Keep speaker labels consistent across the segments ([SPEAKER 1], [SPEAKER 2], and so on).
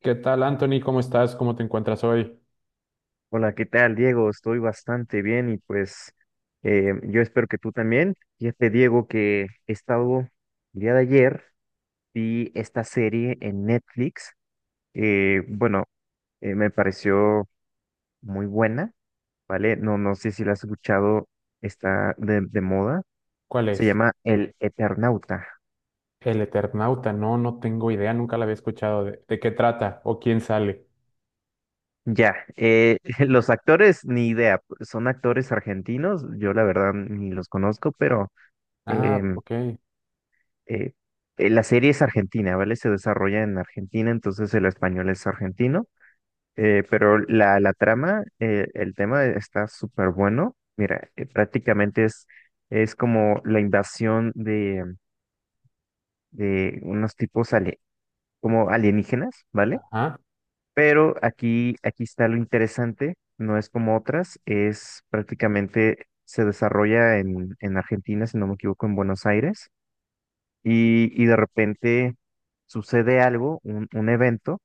[SPEAKER 1] ¿Qué tal, Anthony? ¿Cómo estás? ¿Cómo te encuentras hoy?
[SPEAKER 2] Hola, ¿qué tal, Diego? Estoy bastante bien y pues yo espero que tú también. Fíjate, Diego, que he estado, el día de ayer vi esta serie en Netflix. eh, bueno, me pareció muy buena, ¿vale? No sé si la has escuchado, está de moda.
[SPEAKER 1] ¿Cuál
[SPEAKER 2] Se
[SPEAKER 1] es?
[SPEAKER 2] llama El Eternauta.
[SPEAKER 1] El Eternauta. No, no tengo idea. Nunca la había escuchado. ¿De qué trata? ¿O quién sale?
[SPEAKER 2] Ya, los actores, ni idea, son actores argentinos, yo la verdad ni los conozco, pero...
[SPEAKER 1] Ah,
[SPEAKER 2] em,
[SPEAKER 1] ok.
[SPEAKER 2] eh, la serie es argentina, ¿vale? Se desarrolla en Argentina, entonces el español es argentino, pero la trama, el tema está súper bueno. Mira, prácticamente es como la invasión de unos tipos como alienígenas, ¿vale?
[SPEAKER 1] Ajá,
[SPEAKER 2] Pero aquí está lo interesante, no es como otras, es prácticamente se desarrolla en Argentina, si no me equivoco, en Buenos Aires. Y de repente sucede algo, un evento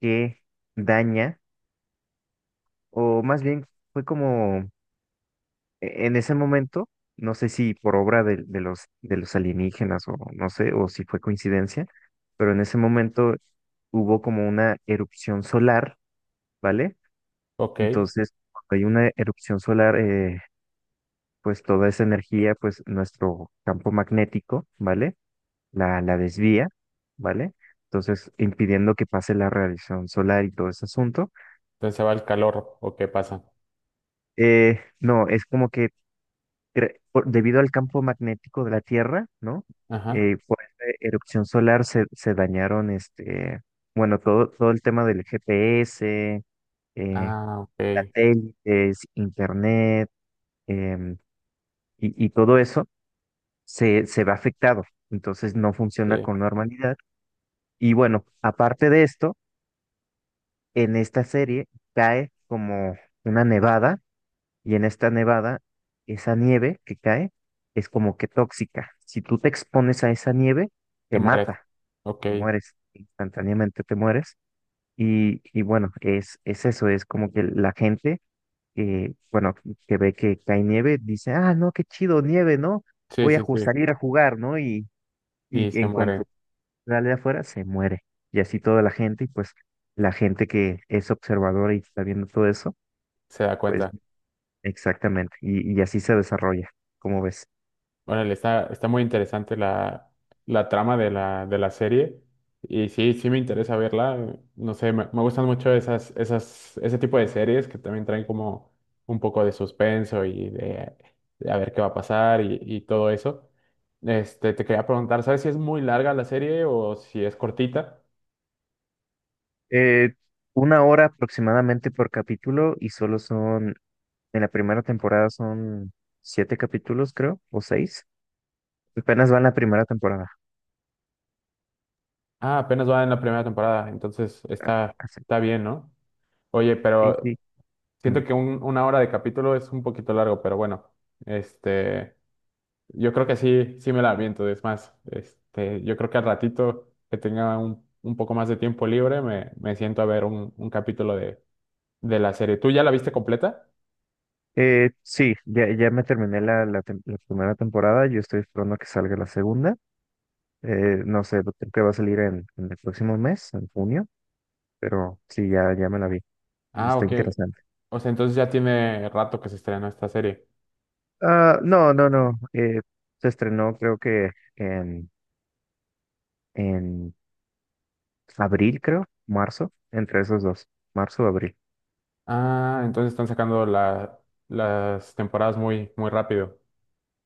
[SPEAKER 2] que daña, o más bien fue como en ese momento, no sé si por obra de los, de los alienígenas o no sé, o si fue coincidencia, pero en ese momento hubo como una erupción solar, ¿vale?
[SPEAKER 1] ok. Entonces
[SPEAKER 2] Entonces, cuando hay una erupción solar, pues toda esa energía, pues nuestro campo magnético, ¿vale? la desvía, ¿vale? Entonces, impidiendo que pase la radiación solar y todo ese asunto.
[SPEAKER 1] se va el calor. ¿O qué pasa?
[SPEAKER 2] No, es como que debido al campo magnético de la Tierra, ¿no?
[SPEAKER 1] Ajá.
[SPEAKER 2] Por esta erupción solar se dañaron, este, bueno, todo, todo el tema del GPS, eh,
[SPEAKER 1] Ah, ok.
[SPEAKER 2] satélites, internet, em, y todo eso se ve afectado. Entonces, no funciona
[SPEAKER 1] Sí.
[SPEAKER 2] con normalidad. Y bueno, aparte de esto, en esta serie cae como una nevada y en esta nevada esa nieve que cae es como que tóxica. Si tú te expones a esa nieve,
[SPEAKER 1] Te
[SPEAKER 2] te
[SPEAKER 1] mueres.
[SPEAKER 2] mata,
[SPEAKER 1] Ok.
[SPEAKER 2] te mueres, instantáneamente te mueres. Y bueno, es eso, es como que la gente que, bueno, que ve que cae nieve, dice, ah, no, qué chido, nieve, ¿no?
[SPEAKER 1] Sí,
[SPEAKER 2] Voy a
[SPEAKER 1] sí, sí.
[SPEAKER 2] salir a jugar, ¿no? Y
[SPEAKER 1] Y se
[SPEAKER 2] en
[SPEAKER 1] muere.
[SPEAKER 2] cuanto sale afuera, se muere. Y así toda la gente, y pues la gente que es observadora y está viendo todo eso,
[SPEAKER 1] Se da
[SPEAKER 2] pues
[SPEAKER 1] cuenta.
[SPEAKER 2] exactamente. Y así se desarrolla, como ves.
[SPEAKER 1] Órale, está muy interesante la trama de la serie. Y sí, sí me interesa verla. No sé, me gustan mucho ese tipo de series que también traen como un poco de suspenso y de a ver qué va a pasar y todo eso. Este, te quería preguntar, ¿sabes si es muy larga la serie o si es cortita?
[SPEAKER 2] Eh, una hora aproximadamente por capítulo y solo son, en la primera temporada son siete capítulos, creo, o seis. Apenas va en la primera temporada.
[SPEAKER 1] Ah, apenas va en la primera temporada, entonces
[SPEAKER 2] Ah,
[SPEAKER 1] está,
[SPEAKER 2] así.
[SPEAKER 1] está bien, ¿no? Oye,
[SPEAKER 2] Sí,
[SPEAKER 1] pero
[SPEAKER 2] sí.
[SPEAKER 1] siento
[SPEAKER 2] Dime.
[SPEAKER 1] que una hora de capítulo es un poquito largo, pero bueno, este... Yo creo que sí, sí me la aviento. Es más, este, yo creo que al ratito que tenga un poco más de tiempo libre, me siento a ver un capítulo de la serie. ¿Tú ya la viste completa?
[SPEAKER 2] Sí, ya me terminé la, la primera temporada, yo estoy esperando a que salga la segunda. No sé, creo que va a salir en el próximo mes, en junio, pero sí, ya me la vi y
[SPEAKER 1] Ah,
[SPEAKER 2] está
[SPEAKER 1] ok.
[SPEAKER 2] interesante.
[SPEAKER 1] O sea, entonces ya tiene rato que se estrenó esta serie.
[SPEAKER 2] Ah, no, no, no. Se estrenó creo que en abril, creo, marzo, entre esos dos, marzo o abril.
[SPEAKER 1] Ah, entonces están sacando las temporadas muy, muy rápido.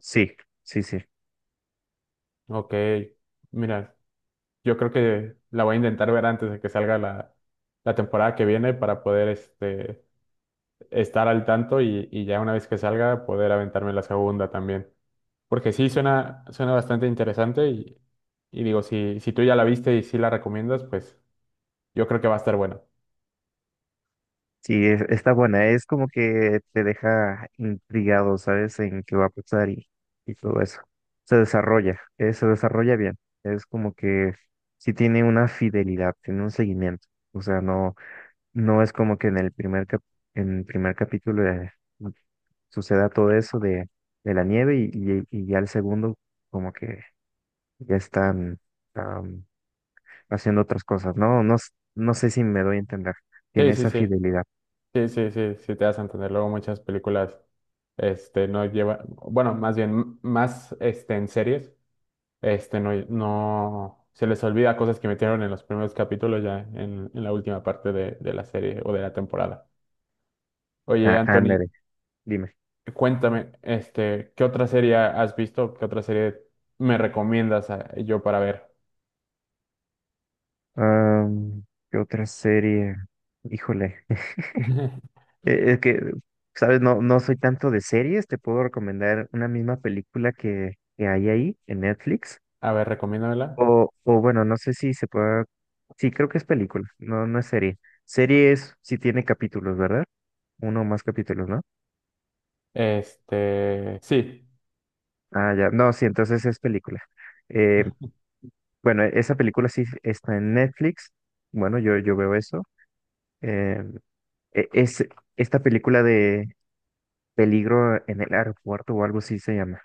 [SPEAKER 2] Sí, sí, sí.
[SPEAKER 1] Ok. Mira, yo creo que la voy a intentar ver antes de que salga la temporada que viene para poder este, estar al tanto y ya una vez que salga poder aventarme la segunda también. Porque sí, suena, suena bastante interesante y digo, si, si tú ya la viste y sí la recomiendas, pues yo creo que va a estar bueno.
[SPEAKER 2] Sí, está buena. Es como que te deja intrigado, ¿sabes? En qué va a pasar y todo eso. Se desarrolla bien. Es como que sí tiene una fidelidad, tiene un seguimiento. O sea, no. No es como que en el primer en el primer capítulo suceda todo eso de la nieve y, y ya el segundo como que ya están am, haciendo otras cosas, ¿no? No sé si me doy a entender.
[SPEAKER 1] Sí,
[SPEAKER 2] Tiene
[SPEAKER 1] sí,
[SPEAKER 2] esa
[SPEAKER 1] sí,
[SPEAKER 2] fidelidad.
[SPEAKER 1] sí, sí, sí, sí, te vas a entender. Luego muchas películas, este, no llevan, bueno, más bien, más, este, en series, este, no, no, se les olvida cosas que metieron en los primeros capítulos ya en la última parte de la serie o de la temporada. Oye,
[SPEAKER 2] Ah,
[SPEAKER 1] Anthony,
[SPEAKER 2] ándale, dime.
[SPEAKER 1] cuéntame, este, ¿qué otra serie has visto? ¿Qué otra serie me recomiendas yo para ver?
[SPEAKER 2] Am, ¿Qué otra serie? Híjole. Es que, ¿sabes? No soy tanto de series. Te puedo recomendar una misma película que hay ahí en Netflix.
[SPEAKER 1] A ver, recomiéndamela.
[SPEAKER 2] O bueno, no sé si se pueda. Sí, creo que es película, no es serie. Serie es si tiene capítulos, ¿verdad? Uno o más capítulos, ¿no?
[SPEAKER 1] Este, sí,
[SPEAKER 2] Ah, ya. No, sí, entonces es película. Eh, bueno, esa película sí está en Netflix. Bueno, yo veo eso. Eh, es esta película de Peligro en el aeropuerto o algo así se llama.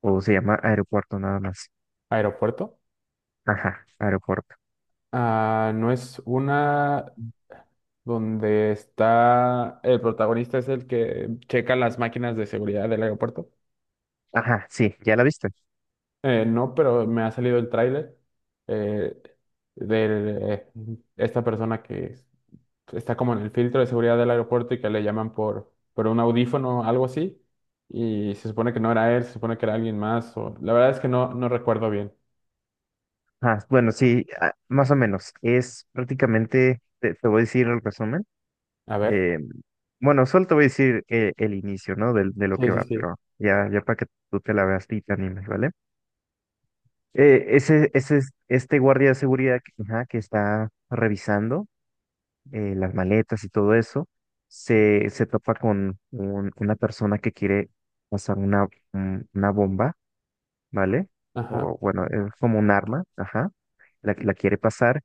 [SPEAKER 2] O se llama Aeropuerto nada más.
[SPEAKER 1] aeropuerto.
[SPEAKER 2] Ajá, aeropuerto.
[SPEAKER 1] Ah, ¿no es una donde está el protagonista es el que checa las máquinas de seguridad del aeropuerto?
[SPEAKER 2] Ajá, sí, ¿ya la viste?
[SPEAKER 1] No, pero me ha salido el tráiler eh, de esta persona que es está como en el filtro de seguridad del aeropuerto y que le llaman por un audífono o algo así. Y se supone que no era él, se supone que era alguien más. O... La verdad es que no, no recuerdo bien.
[SPEAKER 2] Ah, bueno, sí, ah, más o menos. Es prácticamente, te voy a decir el resumen.
[SPEAKER 1] A ver.
[SPEAKER 2] Eh, bueno, solo te voy a decir el inicio, ¿no? De lo
[SPEAKER 1] Sí,
[SPEAKER 2] que
[SPEAKER 1] sí,
[SPEAKER 2] va,
[SPEAKER 1] sí.
[SPEAKER 2] pero ya para que tú te la veas y te animes, ¿vale? Ese, ese es este guardia de seguridad que, ajá, que está revisando las maletas y todo eso, se topa con una persona que quiere pasar una, una bomba ¿vale?
[SPEAKER 1] Ajá.
[SPEAKER 2] O bueno, es como un arma, ajá, la quiere pasar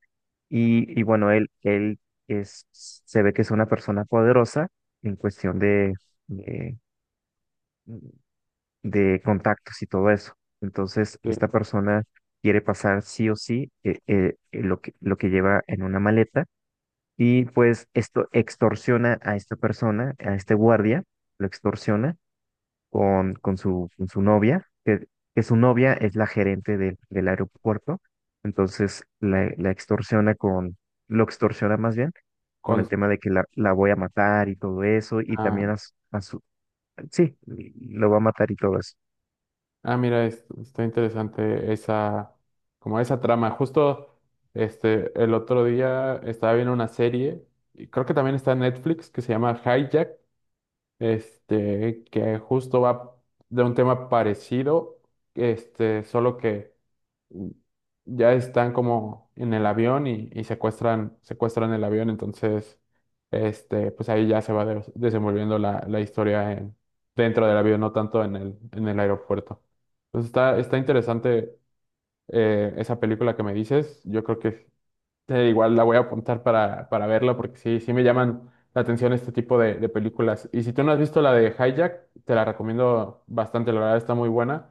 [SPEAKER 2] y bueno, él es, se ve que es una persona poderosa en cuestión de, de contactos y todo eso. Entonces,
[SPEAKER 1] Sí.
[SPEAKER 2] esta persona quiere pasar sí o sí lo que lleva en una maleta y pues esto extorsiona a esta persona, a este guardia, lo extorsiona con su novia, que su novia es la gerente del, del aeropuerto, entonces la extorsiona con, lo extorsiona más bien, con el
[SPEAKER 1] Con...
[SPEAKER 2] tema de que la voy a matar y todo eso, y
[SPEAKER 1] Ah,
[SPEAKER 2] también a, su, a sí, lo va a matar y todo eso.
[SPEAKER 1] ah, mira, está interesante esa, como esa trama. Justo este, el otro día estaba viendo una serie, y creo que también está en Netflix, que se llama Hijack. Este, que justo va de un tema parecido, este, solo que mm, ya están como en el avión y secuestran, secuestran el avión, entonces, este, pues ahí ya se va desenvolviendo la historia en, dentro del avión, no tanto en el aeropuerto. Entonces está, está interesante esa película que me dices, yo creo que igual la voy a apuntar para verla porque sí, sí me llaman la atención este tipo de películas. Y si tú no has visto la de Hijack, te la recomiendo bastante, la verdad está muy buena.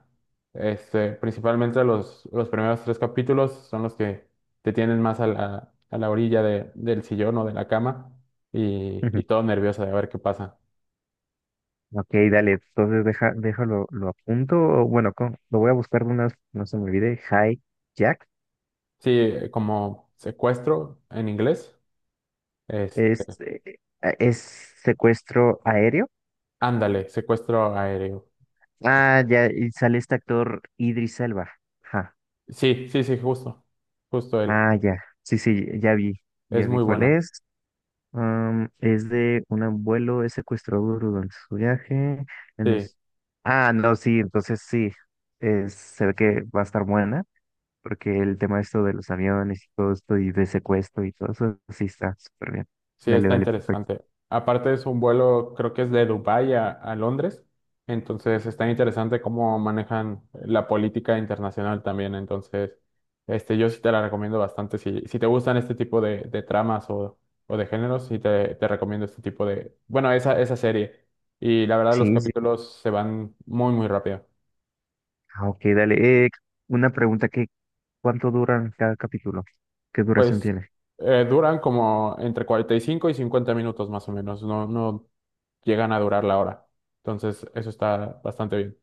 [SPEAKER 1] Este, principalmente los primeros tres capítulos son los que te tienen más a la orilla del sillón o de la cama
[SPEAKER 2] Ujú.
[SPEAKER 1] y todo nervioso de ver qué pasa.
[SPEAKER 2] Ok, dale, entonces deja, déjalo, lo apunto, o bueno, lo voy a buscar de una, vez, no se me olvide, Jack,
[SPEAKER 1] Sí, como secuestro en inglés. Este,
[SPEAKER 2] es, eh, es secuestro aéreo.
[SPEAKER 1] ándale, secuestro aéreo.
[SPEAKER 2] Ah, ya, y sale este actor Idris Elba. Ajá.
[SPEAKER 1] Sí, sí, sí, justo, justo él.
[SPEAKER 2] Ah, ya. Sí, sí, ya vi.
[SPEAKER 1] Es
[SPEAKER 2] Ya vi
[SPEAKER 1] muy
[SPEAKER 2] cuál
[SPEAKER 1] buena.
[SPEAKER 2] es. Es de un abuelo es secuestrado durante su viaje. En
[SPEAKER 1] Sí.
[SPEAKER 2] los... Ah, no, sí, entonces sí. Es, se ve que va a estar buena, porque el tema esto de los aviones y todo esto y de secuestro y todo eso, sí está súper bien.
[SPEAKER 1] Sí,
[SPEAKER 2] Dale,
[SPEAKER 1] está
[SPEAKER 2] dale, perfecto.
[SPEAKER 1] interesante. Aparte es un vuelo, creo que es de Dubái a Londres, entonces está interesante cómo manejan la política internacional también, entonces este, yo sí te la recomiendo bastante. Si, si te gustan este tipo de tramas o de géneros, sí te recomiendo este tipo de, bueno, esa serie. Y la verdad los
[SPEAKER 2] Sí, sí.
[SPEAKER 1] capítulos se van muy, muy rápido.
[SPEAKER 2] Ah, ok, dale. Una pregunta que, ¿cuánto duran cada capítulo? ¿Qué duración
[SPEAKER 1] Pues
[SPEAKER 2] tiene?
[SPEAKER 1] duran como entre 45 y 50 minutos más o menos, no, no llegan a durar la hora. Entonces, eso está bastante bien.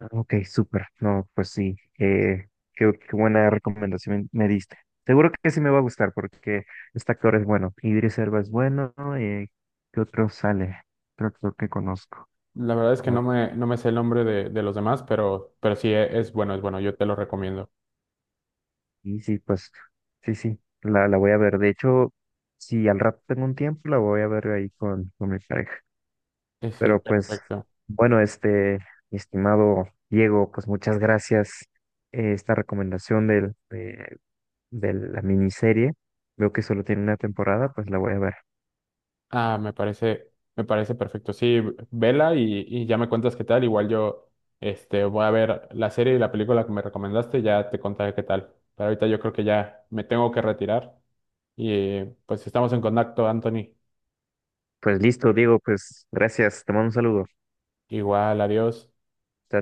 [SPEAKER 2] Ah, ok, súper. No, pues sí, qué, qué buena recomendación me diste. Seguro que sí me va a gustar porque este actor es bueno. Idris Elba es bueno. ¿Qué otro sale? Creo que conozco.
[SPEAKER 1] La verdad es que
[SPEAKER 2] Ah,
[SPEAKER 1] no me, no me sé el nombre de los demás, pero sí es bueno, yo te lo recomiendo.
[SPEAKER 2] y sí, pues sí, sí, la voy a ver. De hecho, si al rato tengo un tiempo, la voy a ver ahí con mi pareja.
[SPEAKER 1] Sí,
[SPEAKER 2] Pero pues,
[SPEAKER 1] perfecto.
[SPEAKER 2] bueno, este, mi estimado Diego, pues muchas gracias. Esta recomendación del, de la miniserie. Veo que solo tiene una temporada, pues la voy a ver.
[SPEAKER 1] Ah, me parece perfecto. Sí, vela y ya me cuentas qué tal. Igual yo este, voy a ver la serie y la película que me recomendaste, ya te contaré qué tal. Pero ahorita yo creo que ya me tengo que retirar y pues estamos en contacto, Anthony.
[SPEAKER 2] Pues listo, Diego, pues gracias, te mando un saludo.
[SPEAKER 1] Igual, adiós.
[SPEAKER 2] Chao,